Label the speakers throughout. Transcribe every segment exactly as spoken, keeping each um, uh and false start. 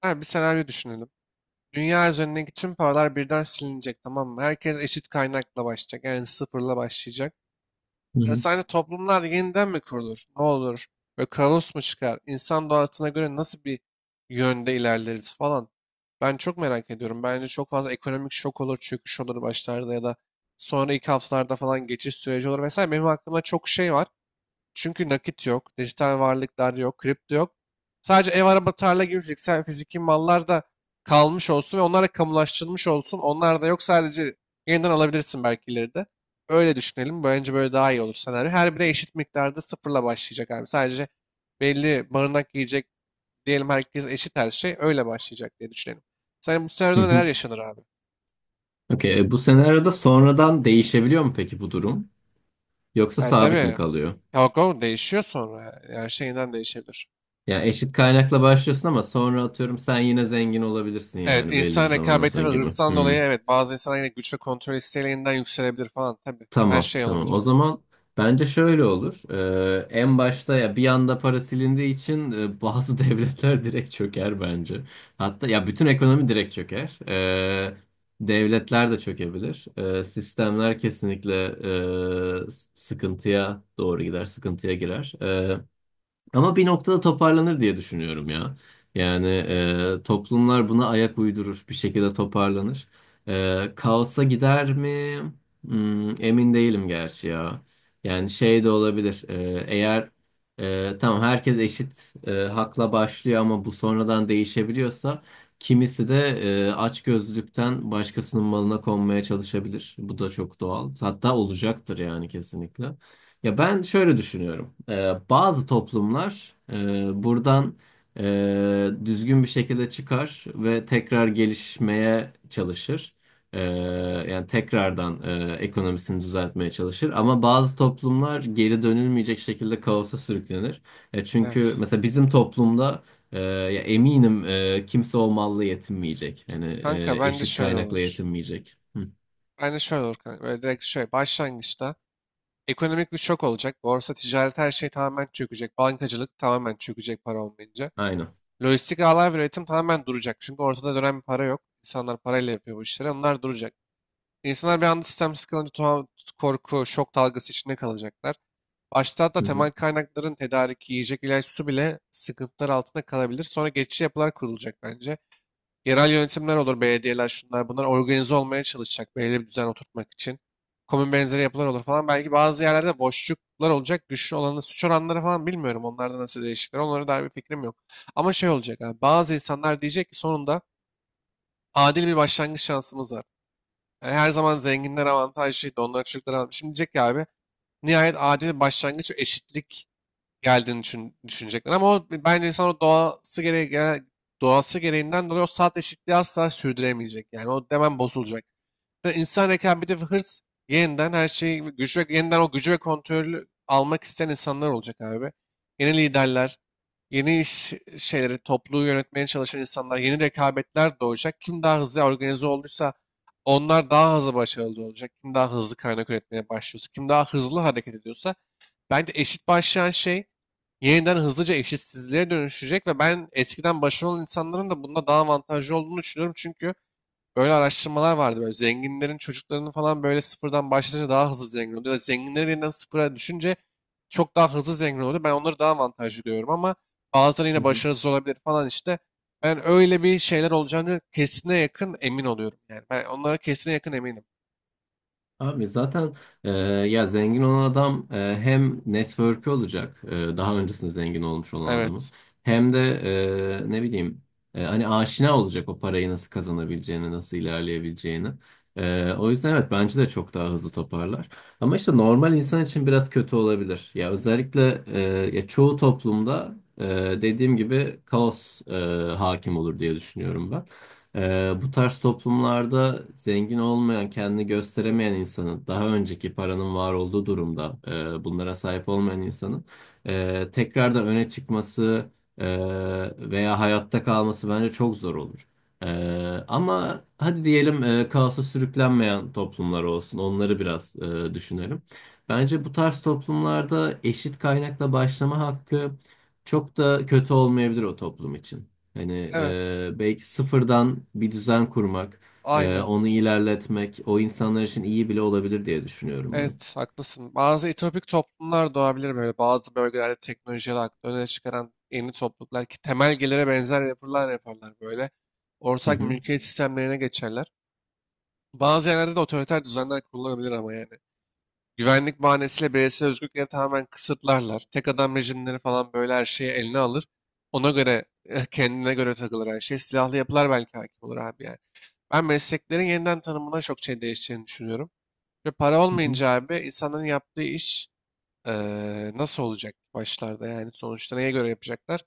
Speaker 1: Ha, bir senaryo düşünelim. Dünya üzerindeki tüm paralar birden silinecek, tamam mı? Herkes eşit kaynakla başlayacak. Yani sıfırla başlayacak.
Speaker 2: Hı
Speaker 1: E,
Speaker 2: hı.
Speaker 1: sence toplumlar yeniden mi kurulur? Ne olur? Böyle kaos mu çıkar? İnsan doğasına göre nasıl bir yönde ilerleriz falan. Ben çok merak ediyorum. Bence çok fazla ekonomik şok olur, çöküş olur başlarda ya da sonra ilk haftalarda falan geçiş süreci olur vesaire. Benim aklımda çok şey var. Çünkü nakit yok, dijital varlıklar yok, kripto yok. Sadece ev, araba, tarla gibi fiziksel fiziki mallar da kalmış olsun ve onlar da kamulaştırılmış olsun. Onlar da yok, sadece yeniden alabilirsin belki ileride. Öyle düşünelim. Bence böyle daha iyi olur senaryo. Her biri eşit miktarda sıfırla başlayacak abi. Sadece belli barınak yiyecek diyelim, herkes eşit her şey öyle başlayacak diye düşünelim. Sen bu
Speaker 2: Hı
Speaker 1: senaryoda neler
Speaker 2: hı.
Speaker 1: yaşanır abi?
Speaker 2: Okey. E, Bu senaryoda sonradan değişebiliyor mu peki bu durum? Yoksa
Speaker 1: Yani
Speaker 2: sabit mi
Speaker 1: tabii.
Speaker 2: kalıyor?
Speaker 1: Yok, o değişiyor sonra. Yani her şeyinden değişebilir.
Speaker 2: Yani eşit kaynakla başlıyorsun ama sonra atıyorum sen yine zengin olabilirsin
Speaker 1: Evet,
Speaker 2: yani belli bir
Speaker 1: insan
Speaker 2: zamandan sonra
Speaker 1: rekabeti ve
Speaker 2: gibi.
Speaker 1: hırstan dolayı,
Speaker 2: Hı.
Speaker 1: evet, bazı insanlar yine güç ve kontrol isteğiyle yeniden yükselebilir falan tabii. Her
Speaker 2: Tamam,
Speaker 1: şey
Speaker 2: tamam. O
Speaker 1: olabilir.
Speaker 2: zaman bence şöyle olur. Ee, en başta ya bir anda para silindiği için e, bazı devletler direkt çöker bence. Hatta ya bütün ekonomi direkt çöker. Ee, devletler de çökebilir. Ee, sistemler kesinlikle e, s- sıkıntıya doğru gider, sıkıntıya girer. Ee, ama bir noktada toparlanır diye düşünüyorum ya. Yani e, toplumlar buna ayak uydurur, bir şekilde toparlanır. E, kaosa gider mi? Hmm, emin değilim gerçi ya. Yani şey de olabilir. E, eğer e, tamam herkes eşit e, hakla başlıyor ama bu sonradan değişebiliyorsa kimisi de e, açgözlülükten başkasının malına konmaya çalışabilir. Bu da çok doğal. Hatta olacaktır yani kesinlikle. Ya ben şöyle düşünüyorum. Ee, bazı toplumlar e, buradan e, düzgün bir şekilde çıkar ve tekrar gelişmeye çalışır. Ee, Yani tekrardan e, ekonomisini düzeltmeye çalışır. Ama bazı toplumlar geri dönülmeyecek şekilde kaosa sürüklenir. E, çünkü
Speaker 1: Evet.
Speaker 2: mesela bizim toplumda e, ya eminim e, kimse o malla yetinmeyecek. Yani
Speaker 1: Kanka
Speaker 2: e,
Speaker 1: bence
Speaker 2: eşit
Speaker 1: şöyle
Speaker 2: kaynakla
Speaker 1: olur.
Speaker 2: yetinmeyecek. Hı,
Speaker 1: Bence şöyle olur kanka. Böyle direkt şöyle başlangıçta ekonomik bir şok olacak. Borsa, ticaret her şey tamamen çökecek. Bankacılık tamamen çökecek para olmayınca.
Speaker 2: aynen.
Speaker 1: Lojistik ağlar ve üretim tamamen duracak. Çünkü ortada dönen bir para yok. İnsanlar parayla yapıyor bu işleri. Onlar duracak. İnsanlar bir anda sistem sıkılınca tuhaf korku, şok dalgası içinde kalacaklar. Başta da
Speaker 2: Hı hı,
Speaker 1: temel kaynakların tedariki, yiyecek, ilaç, su bile sıkıntılar altında kalabilir. Sonra geçici yapılar kurulacak bence. Yerel yönetimler olur, belediyeler şunlar bunlar organize olmaya çalışacak belirli bir düzen oturtmak için. Komün benzeri yapılar olur falan. Belki bazı yerlerde boşluklar olacak. Güçlü olanın suç oranları falan bilmiyorum. Onlarda nasıl değişiklikler. Onlara dair bir fikrim yok. Ama şey olacak abi. Bazı insanlar diyecek ki sonunda adil bir başlangıç şansımız var. Yani her zaman zenginler avantajlıydı. Onlar çocuklar avantajlıydı. Şimdi diyecek ki abi, nihayet adil bir başlangıç ve eşitlik geldiğini düşün, düşünecekler. Ama o, bence insan o doğası gereği, gere- doğası gereğinden dolayı o saat eşitliği asla sürdüremeyecek. Yani o hemen bozulacak. Ve İnsan rekabeti ve hırs yeniden her şeyi gücü ve yeniden o gücü ve kontrolü almak isteyen insanlar olacak abi. Yeni liderler, yeni iş şeyleri, topluluğu yönetmeye çalışan insanlar, yeni rekabetler doğacak. Kim daha hızlı organize olduysa onlar daha hızlı başarılı olacak. Kim daha hızlı kaynak üretmeye başlıyorsa, kim daha hızlı hareket ediyorsa, bence eşit başlayan şey yeniden hızlıca eşitsizliğe dönüşecek ve ben eskiden başarılı insanların da bunda daha avantajlı olduğunu düşünüyorum. Çünkü böyle araştırmalar vardı, böyle zenginlerin çocuklarının falan böyle sıfırdan başlayınca daha hızlı zengin oluyor. Ya da zenginlerin yeniden sıfıra düşünce çok daha hızlı zengin oluyor. Ben onları daha avantajlı görüyorum ama bazıları
Speaker 2: hı
Speaker 1: yine
Speaker 2: hı.
Speaker 1: başarısız olabilir falan işte. Ben öyle bir şeyler olacağını kesine yakın emin oluyorum yani. Ben onlara kesine yakın eminim.
Speaker 2: Abi zaten e, ya zengin olan adam e, hem network'ü olacak, e, daha öncesinde zengin olmuş olan
Speaker 1: Evet.
Speaker 2: adamın hem de e, ne bileyim, e, hani aşina olacak o parayı nasıl kazanabileceğini nasıl ilerleyebileceğini. E, o yüzden evet bence de çok daha hızlı toparlar. Ama işte normal insan için biraz kötü olabilir. Ya özellikle e, ya çoğu toplumda e, dediğim gibi kaos e, hakim olur diye düşünüyorum ben. Ee, bu tarz toplumlarda zengin olmayan, kendini gösteremeyen insanın, daha önceki paranın var olduğu durumda e, bunlara sahip olmayan insanın e, tekrardan öne çıkması e, veya hayatta kalması bence çok zor olur. E, Ama hadi diyelim e, kaosa sürüklenmeyen toplumlar olsun, onları biraz e, düşünelim. Bence bu tarz toplumlarda eşit kaynakla başlama hakkı çok da kötü olmayabilir o toplum için. Hani
Speaker 1: Evet.
Speaker 2: e, belki sıfırdan bir düzen kurmak, e,
Speaker 1: Aynen.
Speaker 2: onu ilerletmek, o insanlar için iyi bile olabilir diye düşünüyorum
Speaker 1: Evet, haklısın. Bazı etopik toplumlar doğabilir böyle. Bazı bölgelerde teknolojiyi aklı öne çıkaran yeni topluluklar, ki temel gelire benzer yapılar yaparlar böyle.
Speaker 2: ben. Hı
Speaker 1: Ortak
Speaker 2: hı.
Speaker 1: mülkiyet sistemlerine geçerler. Bazı yerlerde de otoriter düzenler kurulabilir ama yani. Güvenlik bahanesiyle bireysel özgürlükleri tamamen kısıtlarlar. Tek adam rejimleri falan böyle her şeyi eline alır. Ona göre, eh, kendine göre takılır her şey. Silahlı yapılar belki hakim olur abi yani. Ben mesleklerin yeniden tanımına çok şey değişeceğini düşünüyorum. Ve para
Speaker 2: Hı hı.
Speaker 1: olmayınca abi, insanların yaptığı iş Eee, nasıl olacak başlarda, yani sonuçta neye göre yapacaklar?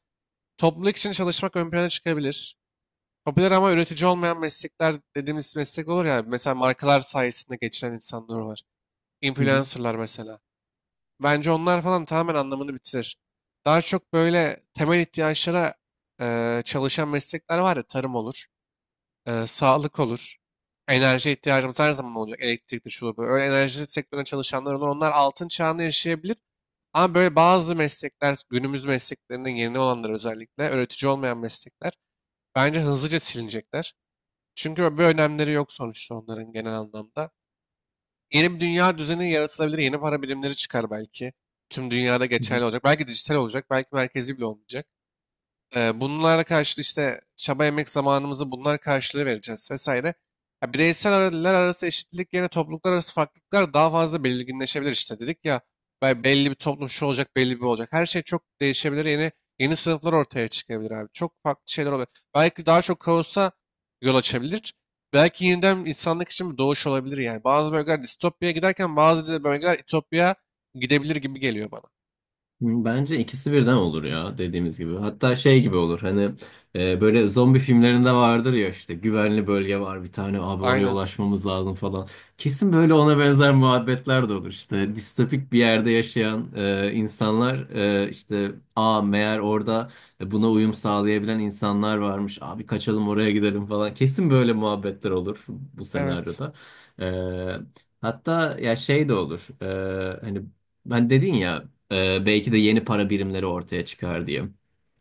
Speaker 1: Topluluk için çalışmak ön plana çıkabilir. Popüler ama üretici olmayan meslekler dediğimiz meslek olur ya. Mesela markalar sayesinde geçinen insanlar var.
Speaker 2: Hı
Speaker 1: Influencerlar mesela. Bence onlar falan tamamen anlamını bitirir. Daha çok böyle temel ihtiyaçlara eee, çalışan meslekler var ya. Tarım olur, eee, sağlık olur, enerji ihtiyacımız her zaman olacak. Elektrikli şu bu. Öyle enerji sektörüne çalışanlar olur. Onlar altın çağını yaşayabilir. Ama böyle bazı meslekler, günümüz mesleklerinin yeni olanlar özellikle, öğretici olmayan meslekler bence hızlıca silinecekler. Çünkü bir önemleri yok sonuçta onların genel anlamda. Yeni bir dünya düzeni yaratılabilir, yeni para birimleri çıkar belki. Tüm dünyada
Speaker 2: hı.
Speaker 1: geçerli olacak. Belki dijital olacak, belki merkezi bile olmayacak. Ee, bunlara karşılığı işte çaba emek zamanımızı bunlar karşılığı vereceğiz vesaire. Ya bireysel aralar arası eşitlik yerine topluluklar arası farklılıklar daha fazla belirginleşebilir, işte dedik ya. be- Belli bir toplum şu olacak, belli bir olacak. Her şey çok değişebilir, yeni yeni sınıflar ortaya çıkabilir abi. Çok farklı şeyler olabilir. Belki daha çok kaosa yol açabilir. Belki yeniden insanlık için bir doğuş olabilir yani. Bazı bölgeler distopyaya giderken bazı de bölgeler ütopyaya gidebilir gibi geliyor bana.
Speaker 2: Bence ikisi birden olur ya dediğimiz gibi. Hatta şey gibi olur, hani e, böyle zombi filmlerinde vardır ya, işte güvenli bölge var bir tane abi, oraya
Speaker 1: Aynen.
Speaker 2: ulaşmamız lazım falan. Kesin böyle ona benzer muhabbetler de olur. İşte distopik bir yerde yaşayan e, insanlar, e, işte a meğer orada buna uyum sağlayabilen insanlar varmış abi, kaçalım oraya gidelim falan. Kesin böyle muhabbetler olur bu
Speaker 1: Evet.
Speaker 2: senaryoda. E, Hatta ya şey de olur. E, hani ben dedin ya. Ee, belki de yeni para birimleri ortaya çıkar diye.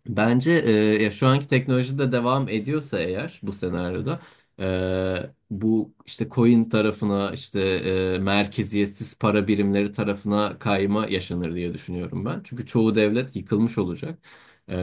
Speaker 2: Bence e, ya şu anki teknoloji de devam ediyorsa eğer bu senaryoda e, bu işte coin tarafına, işte e, merkeziyetsiz para birimleri tarafına kayma yaşanır diye düşünüyorum ben. Çünkü çoğu devlet yıkılmış olacak. E,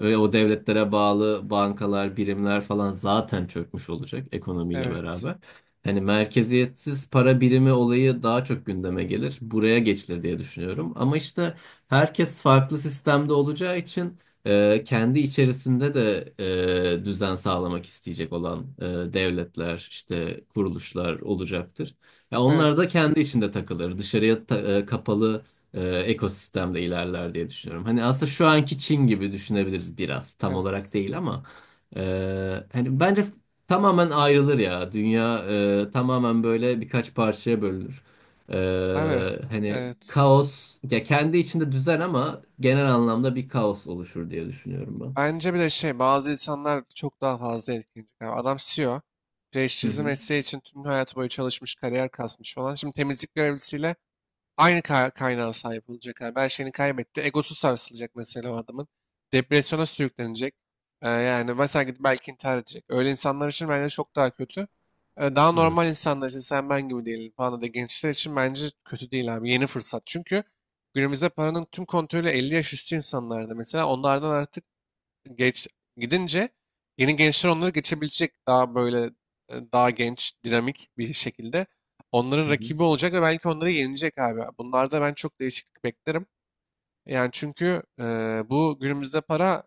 Speaker 2: Ve o devletlere bağlı bankalar, birimler falan zaten çökmüş olacak ekonomiyle
Speaker 1: Evet.
Speaker 2: beraber. Hani merkeziyetsiz para birimi olayı daha çok gündeme gelir. Buraya geçilir diye düşünüyorum. Ama işte herkes farklı sistemde olacağı için e, kendi içerisinde de e, düzen sağlamak isteyecek olan e, devletler, işte kuruluşlar olacaktır. Ya onlar da
Speaker 1: Evet.
Speaker 2: kendi içinde takılır, dışarıya ta- e, kapalı e, ekosistemde ilerler diye düşünüyorum. Hani aslında şu anki Çin gibi düşünebiliriz biraz, tam olarak
Speaker 1: Evet.
Speaker 2: değil ama e, hani bence tamamen ayrılır ya, dünya e, tamamen böyle birkaç parçaya bölünür.
Speaker 1: Abi,
Speaker 2: Ee, Hani
Speaker 1: evet.
Speaker 2: kaos ya kendi içinde düzen ama genel anlamda bir kaos oluşur diye düşünüyorum ben.
Speaker 1: Bence bir de şey, bazı insanlar çok daha fazla etkilenecek. Yani adam C E O.
Speaker 2: Hı
Speaker 1: Prestijli
Speaker 2: hı.
Speaker 1: mesleği için tüm hayatı boyu çalışmış, kariyer kasmış falan. Şimdi temizlik görevlisiyle aynı ka kaynağa sahip olacak abi. Her şeyini kaybetti. Egosu sarsılacak mesela o adamın. Depresyona sürüklenecek. Ee, yani mesela gidip belki intihar edecek. Öyle insanlar için bence çok daha kötü. Ee, daha normal
Speaker 2: Evet.
Speaker 1: insanlar için sen ben gibi değilim falan da gençler için bence kötü değil abi. Yeni fırsat. Çünkü günümüzde paranın tüm kontrolü elli yaş üstü insanlarda. Mesela onlardan artık geç gidince yeni gençler onları geçebilecek, daha böyle e, daha genç, dinamik bir şekilde onların
Speaker 2: Hı hı.
Speaker 1: rakibi olacak ve belki onları yenilecek abi. Bunlarda ben çok değişiklik beklerim. Yani çünkü e, bu günümüzde para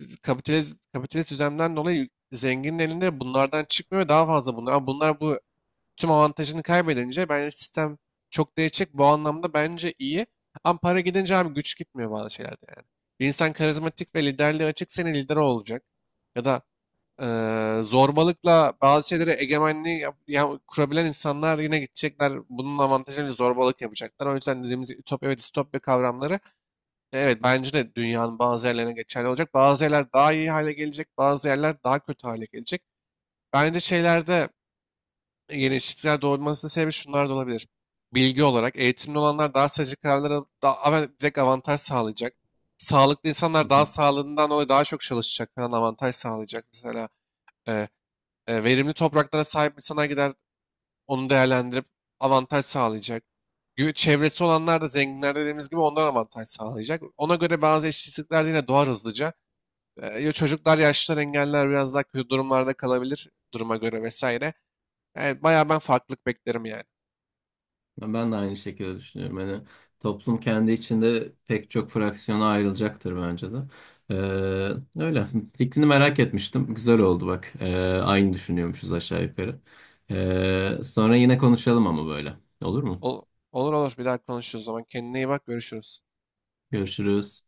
Speaker 1: biz- kapitalist kapitalist düzenden dolayı zenginlerin elinde bunlardan çıkmıyor ve daha fazla bunlar. Ama bunlar bu tüm avantajını kaybedince bence sistem çok değişecek. Bu anlamda bence iyi. Ama para gidince abi güç gitmiyor bazı şeylerde yani. Bir insan karizmatik ve liderliğe açık senin lider olacak. Ya da eee, zorbalıkla bazı şeylere egemenliği yap- ya- kurabilen insanlar yine gidecekler. Bunun avantajını zorbalık yapacaklar. O yüzden dediğimiz ütopya ve distopya kavramları e, evet bence de dünyanın bazı yerlerine geçerli olacak. Bazı yerler daha iyi hale gelecek, bazı yerler daha kötü hale gelecek. Bence şeylerde gelişiklikler doğmasının sebebi şunlar da olabilir. Bilgi olarak eğitimli olanlar daha sıcak kararlara daha, ama direkt avantaj sağlayacak. Sağlıklı
Speaker 2: Hı
Speaker 1: insanlar daha
Speaker 2: hı.
Speaker 1: sağlığından dolayı daha çok çalışacak falan avantaj sağlayacak. Mesela e, e, verimli topraklara sahip insanlar gider onu değerlendirip avantaj sağlayacak. Gü- Çevresi olanlar da zenginler dediğimiz gibi ondan avantaj sağlayacak. Ona göre bazı eşitsizlikler de yine doğar hızlıca. E, ya çocuklar, yaşlılar, engelliler biraz daha kötü durumlarda kalabilir duruma göre vesaire. Yani bayağı ben farklılık beklerim yani.
Speaker 2: Ben ben de aynı şekilde düşünüyorum. Hani toplum kendi içinde pek çok fraksiyona ayrılacaktır bence de. Ee, öyle. Fikrini merak etmiştim. Güzel oldu bak. Ee, aynı düşünüyormuşuz aşağı yukarı. Ee, sonra yine konuşalım ama böyle. Olur mu?
Speaker 1: Ol- olur olur bir daha konuşuruz o zaman. Kendine iyi bak, görüşürüz.
Speaker 2: Görüşürüz.